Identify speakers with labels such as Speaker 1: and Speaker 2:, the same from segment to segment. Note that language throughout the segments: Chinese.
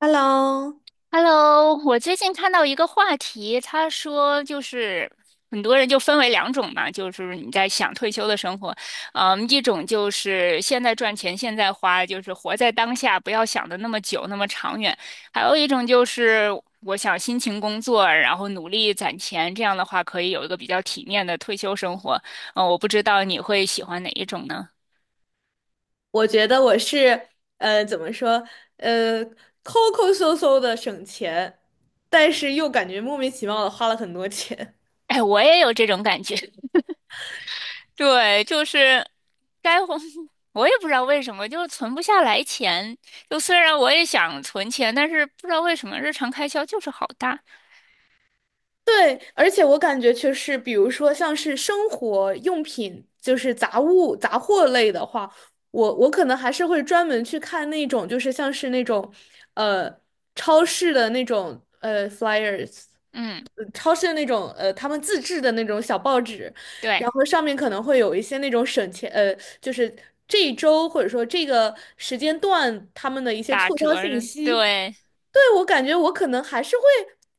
Speaker 1: Hello，
Speaker 2: Hello，我最近看到一个话题，他说就是很多人就分为两种嘛，就是你在想退休的生活，一种就是现在赚钱现在花，就是活在当下，不要想的那么久那么长远，还有一种就是我想辛勤工作，然后努力攒钱，这样的话可以有一个比较体面的退休生活。我不知道你会喜欢哪一种呢？
Speaker 1: 我觉得我是呃，怎么说呃，抠抠搜搜的省钱，但是又感觉莫名其妙的花了很多钱。
Speaker 2: 哎，我也有这种感觉。对，就是。该红 我也不知道为什么，就是存不下来钱。就虽然我也想存钱，但是不知道为什么日常开销就是好大。
Speaker 1: 对，而且我感觉就是，比如说像是生活用品，就是杂物、杂货类的话，我可能还是会专门去看那种，就是像是那种，呃，超市的那种flyers，
Speaker 2: 嗯，
Speaker 1: 呃超市的那种他们自制的那种小报纸。然
Speaker 2: 对，
Speaker 1: 后上面可能会有一些那种省钱，就是这一周或者说这个时间段他们的一些
Speaker 2: 打
Speaker 1: 促销
Speaker 2: 折
Speaker 1: 信
Speaker 2: 的，
Speaker 1: 息。
Speaker 2: 对。
Speaker 1: 对，我感觉我可能还是会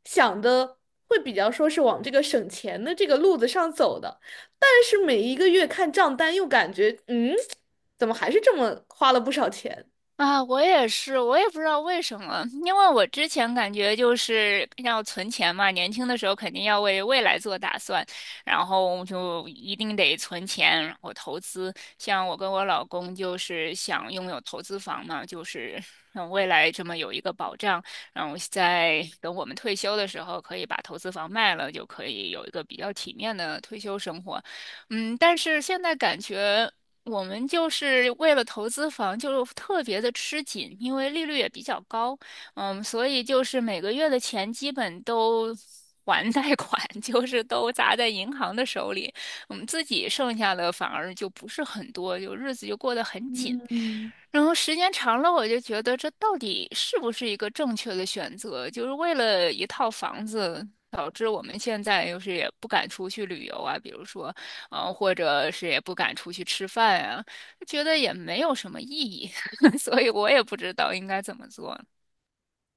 Speaker 1: 想的会比较说是往这个省钱的这个路子上走的，但是每一个月看账单又感觉，嗯，怎么还是这么花了不少钱？
Speaker 2: 啊，我也是，我也不知道为什么，因为我之前感觉就是要存钱嘛，年轻的时候肯定要为未来做打算，然后就一定得存钱，然后投资。像我跟我老公就是想拥有投资房嘛，就是让未来这么有一个保障，然后在等我们退休的时候可以把投资房卖了，就可以有一个比较体面的退休生活。但是现在感觉。我们就是为了投资房，就特别的吃紧，因为利率也比较高，所以就是每个月的钱基本都还贷款，就是都砸在银行的手里，我们自己剩下的反而就不是很多，就日子就过得很紧。
Speaker 1: 嗯。
Speaker 2: 然后时间长了，我就觉得这到底是不是一个正确的选择？就是为了一套房子，导致我们现在就是也不敢出去旅游啊，比如说。或者是也不敢出去吃饭呀，觉得也没有什么意义，所以我也不知道应该怎么做。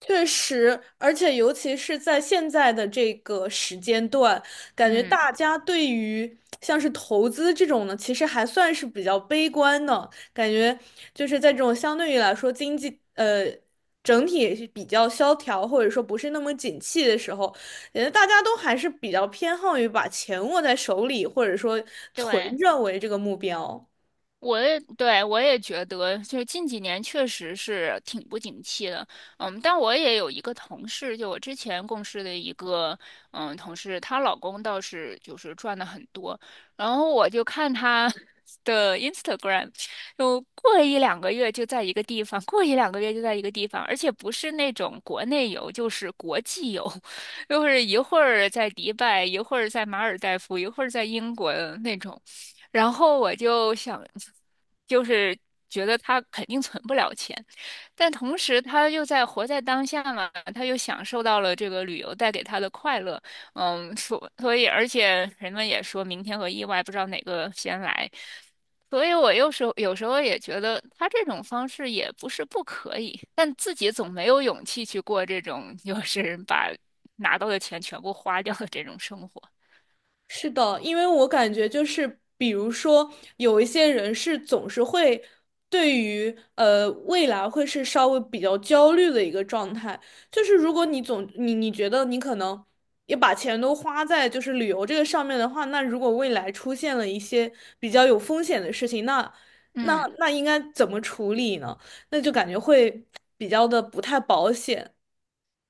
Speaker 1: 确实，而且尤其是在现在的这个时间段，感觉
Speaker 2: 嗯，
Speaker 1: 大家对于像是投资这种呢，其实还算是比较悲观的。感觉就是在这种相对于来说经济整体也是比较萧条，或者说不是那么景气的时候，感觉大家都还是比较偏好于把钱握在手里，或者说存
Speaker 2: 对。
Speaker 1: 着为这个目标。
Speaker 2: 我也觉得，就是近几年确实是挺不景气的，但我也有一个同事，就我之前共事的一个，同事，她老公倒是就是赚的很多，然后我就看她 的 Instagram，就过一两个月就在一个地方，过一两个月就在一个地方，而且不是那种国内游，就是国际游，就是一会儿在迪拜，一会儿在马尔代夫，一会儿在英国的那种。然后我就想，就是觉得他肯定存不了钱，但同时他又在活在当下嘛，他又享受到了这个旅游带给他的快乐，所以而且人们也说明天和意外不知道哪个先来，所以我有时候也觉得他这种方式也不是不可以，但自己总没有勇气去过这种就是把拿到的钱全部花掉的这种生活，
Speaker 1: 是的，因为我感觉就是，比如说有一些人是总是会对于未来会是稍微比较焦虑的一个状态，就是如果你总你你觉得你可能也把钱都花在就是旅游这个上面的话，那如果未来出现了一些比较有风险的事情，那那
Speaker 2: 嗯。
Speaker 1: 那应该怎么处理呢？那就感觉会比较的不太保险，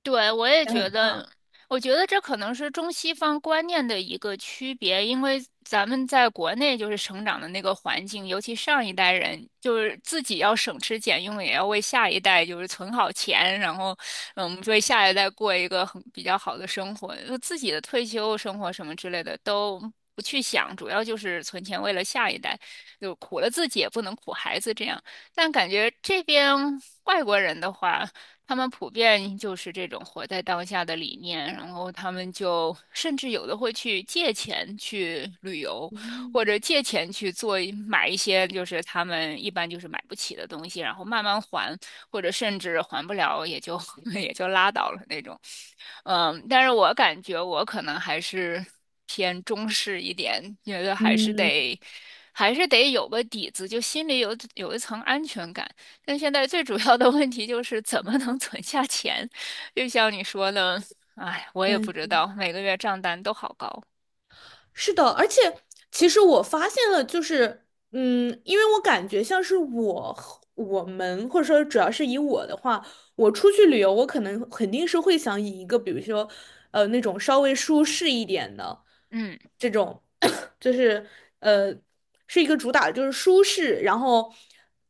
Speaker 2: 对，我也
Speaker 1: 也
Speaker 2: 觉
Speaker 1: 很大。
Speaker 2: 得，我觉得这可能是中西方观念的一个区别，因为咱们在国内就是成长的那个环境，尤其上一代人就是自己要省吃俭用，也要为下一代就是存好钱，然后为下一代过一个很比较好的生活，就自己的退休生活什么之类的都不去想，主要就是存钱为了下一代，就苦了自己也不能苦孩子这样。但感觉这边外国人的话。他们普遍就是这种活在当下的理念，然后他们就甚至有的会去借钱去旅游，或者借钱去做买一些就是他们一般就是买不起的东西，然后慢慢还，或者甚至还不了也就 也就拉倒了那种。但是我感觉我可能还是偏中式一点，觉得还是
Speaker 1: 嗯。
Speaker 2: 得，还是得有个底子，就心里有一层安全感。但现在最主要的问题就是怎么能存下钱，就像你说的，哎，我也不知
Speaker 1: 但
Speaker 2: 道，每个月账单都好高。
Speaker 1: 是的，而且其实我发现了，就是嗯，因为我感觉像是我和我们，或者说主要是以我的话，我出去旅游，我可能肯定是会想以一个比如说那种稍微舒适一点的
Speaker 2: 嗯
Speaker 1: 这种，就是呃是一个主打就是舒适，然后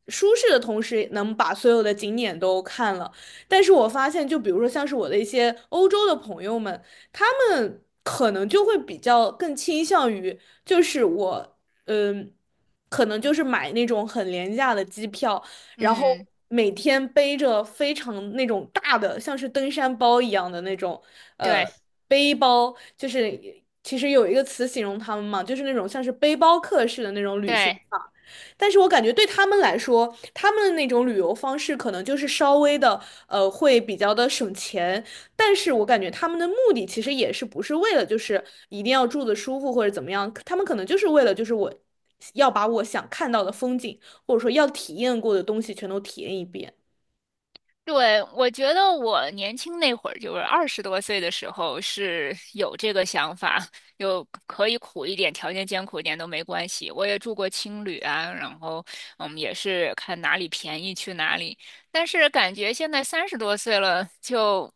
Speaker 1: 舒适的同时能把所有的景点都看了。但是我发现，就比如说像是我的一些欧洲的朋友们，他们可能就会比较更倾向于，就是我，嗯，可能就是买那种很廉价的机票，然后
Speaker 2: 嗯，
Speaker 1: 每天背着非常那种大的，像是登山包一样的那种，呃，
Speaker 2: 对
Speaker 1: 背包，就是其实有一个词形容他们嘛，就是那种像是背包客式的那种旅行
Speaker 2: 对。
Speaker 1: 法。但是我感觉对他们来说，他们的那种旅游方式可能就是稍微的，会比较的省钱，但是我感觉他们的目的其实也是不是为了就是一定要住的舒服或者怎么样，他们可能就是为了就是我要把我想看到的风景，或者说要体验过的东西全都体验一遍。
Speaker 2: 对，我觉得我年轻那会儿，就是二十多岁的时候，是有这个想法，有可以苦一点，条件艰苦一点都没关系。我也住过青旅啊，然后也是看哪里便宜去哪里。但是感觉现在三十多岁了，就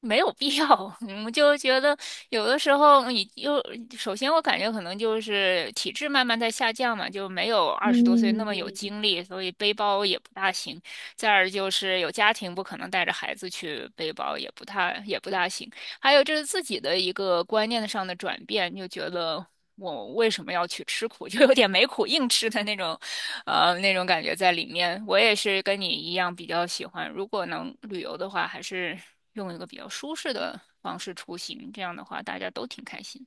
Speaker 2: 没有必要。就觉得有的时候你又，首先我感觉可能就是体质慢慢在下降嘛，就没有二十多岁
Speaker 1: 嗯
Speaker 2: 那么有
Speaker 1: 嗯，
Speaker 2: 精力，所以背包也不大行。再而就是有家庭不可能带着孩子去背包，也不大行。还有就是自己的一个观念上的转变，就觉得我为什么要去吃苦，就有点没苦硬吃的那种，那种感觉在里面。我也是跟你一样比较喜欢，如果能旅游的话，还是用一个比较舒适的方式出行，这样的话大家都挺开心。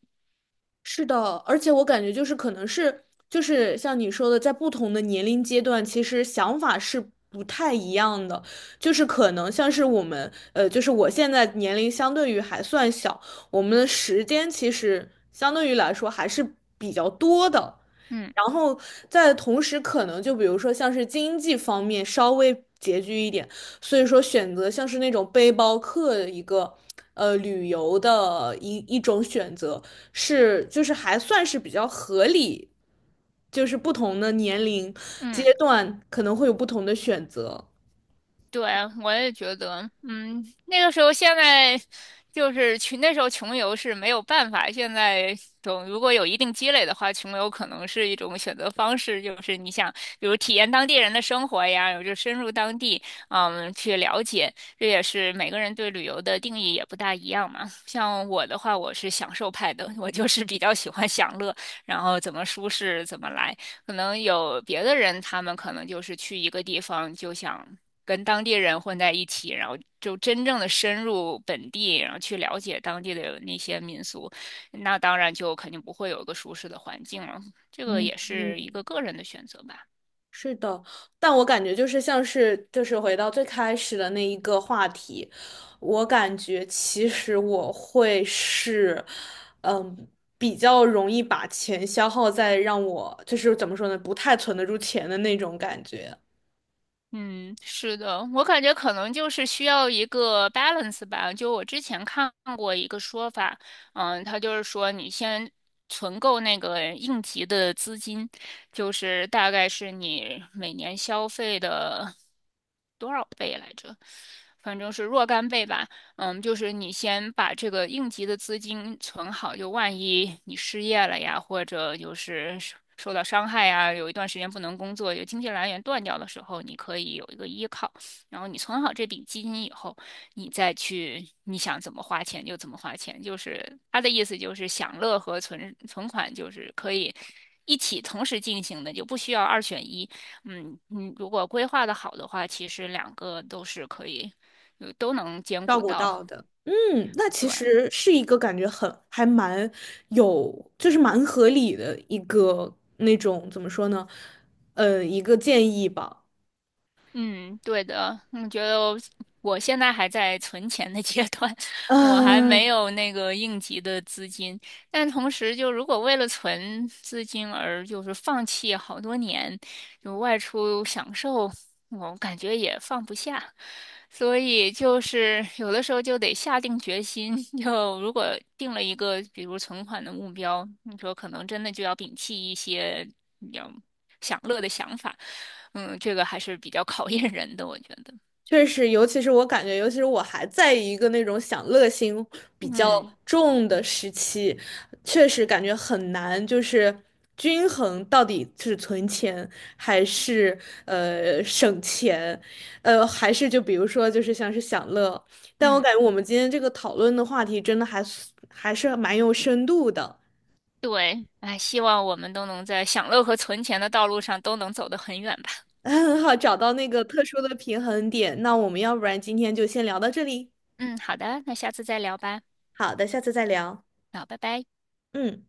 Speaker 1: 是的，而且我感觉就是可能是就是像你说的，在不同的年龄阶段，其实想法是不太一样的。就是可能像是我们，呃，就是我现在年龄相对于还算小，我们的时间其实相对于来说还是比较多的。
Speaker 2: 嗯
Speaker 1: 然后在同时，可能就比如说像是经济方面稍微拮据一点，所以说选择像是那种背包客的一个旅游的一种选择。是就是还算是比较合理，就是不同的年龄
Speaker 2: 嗯。
Speaker 1: 阶段可能会有不同的选择。
Speaker 2: 对，我也觉得，那个时候现在就是穷，那时候穷游是没有办法。现在总如果有一定积累的话，穷游可能是一种选择方式，就是你想，比如体验当地人的生活呀，有就深入当地，去了解。这也是每个人对旅游的定义也不大一样嘛。像我的话，我是享受派的，我就是比较喜欢享乐，然后怎么舒适怎么来。可能有别的人，他们可能就是去一个地方就想。跟当地人混在一起，然后就真正的深入本地，然后去了解当地的那些民俗，那当然就肯定不会有一个舒适的环境了。这个
Speaker 1: 嗯
Speaker 2: 也
Speaker 1: 嗯，
Speaker 2: 是一个个人的选择吧。
Speaker 1: 是的，但我感觉就是像是就是回到最开始的那一个话题，我感觉其实我会是，嗯，比较容易把钱消耗在让我就是怎么说呢，不太存得住钱的那种感觉。
Speaker 2: 嗯，是的，我感觉可能就是需要一个 balance 吧。就我之前看过一个说法，他就是说你先存够那个应急的资金，就是大概是你每年消费的多少倍来着？反正是若干倍吧。就是你先把这个应急的资金存好，就万一你失业了呀，或者就是受到伤害呀，有一段时间不能工作，有经济来源断掉的时候，你可以有一个依靠。然后你存好这笔基金以后，你再去你想怎么花钱就怎么花钱。就是他的意思就是享乐和存款就是可以一起同时进行的，就不需要二选一。你如果规划的好的话，其实两个都是可以，都能兼
Speaker 1: 照
Speaker 2: 顾
Speaker 1: 顾
Speaker 2: 到。
Speaker 1: 到的。嗯，那其
Speaker 2: 对，
Speaker 1: 实是一个感觉很还蛮有，就是蛮合理的一个那种怎么说呢？一个建议吧。
Speaker 2: 嗯，对的，我觉得我现在还在存钱的阶段，我还没
Speaker 1: 嗯，
Speaker 2: 有那个应急的资金。但同时，就如果为了存资金而就是放弃好多年，就外出享受，我感觉也放不下。所以就是有的时候就得下定决心，就如果定了一个比如存款的目标，你说可能真的就要摒弃一些比较享乐的想法。这个还是比较考验人的，我觉得。
Speaker 1: 确实，尤其是我感觉，尤其是我还在一个那种享乐心比较
Speaker 2: 嗯
Speaker 1: 重的时期，确实感觉很难，就是均衡到底是存钱还是省钱，还是就比如说就是像是享乐，但我
Speaker 2: 嗯，
Speaker 1: 感觉我们今天这个讨论的话题真的还是蛮有深度的，
Speaker 2: 对，哎，希望我们都能在享乐和存钱的道路上都能走得很远吧。
Speaker 1: 很好，找到那个特殊的平衡点。那我们要不然今天就先聊到这里，
Speaker 2: 嗯，好的，那下次再聊吧。
Speaker 1: 好的，下次再聊，
Speaker 2: 好，拜拜。
Speaker 1: 嗯。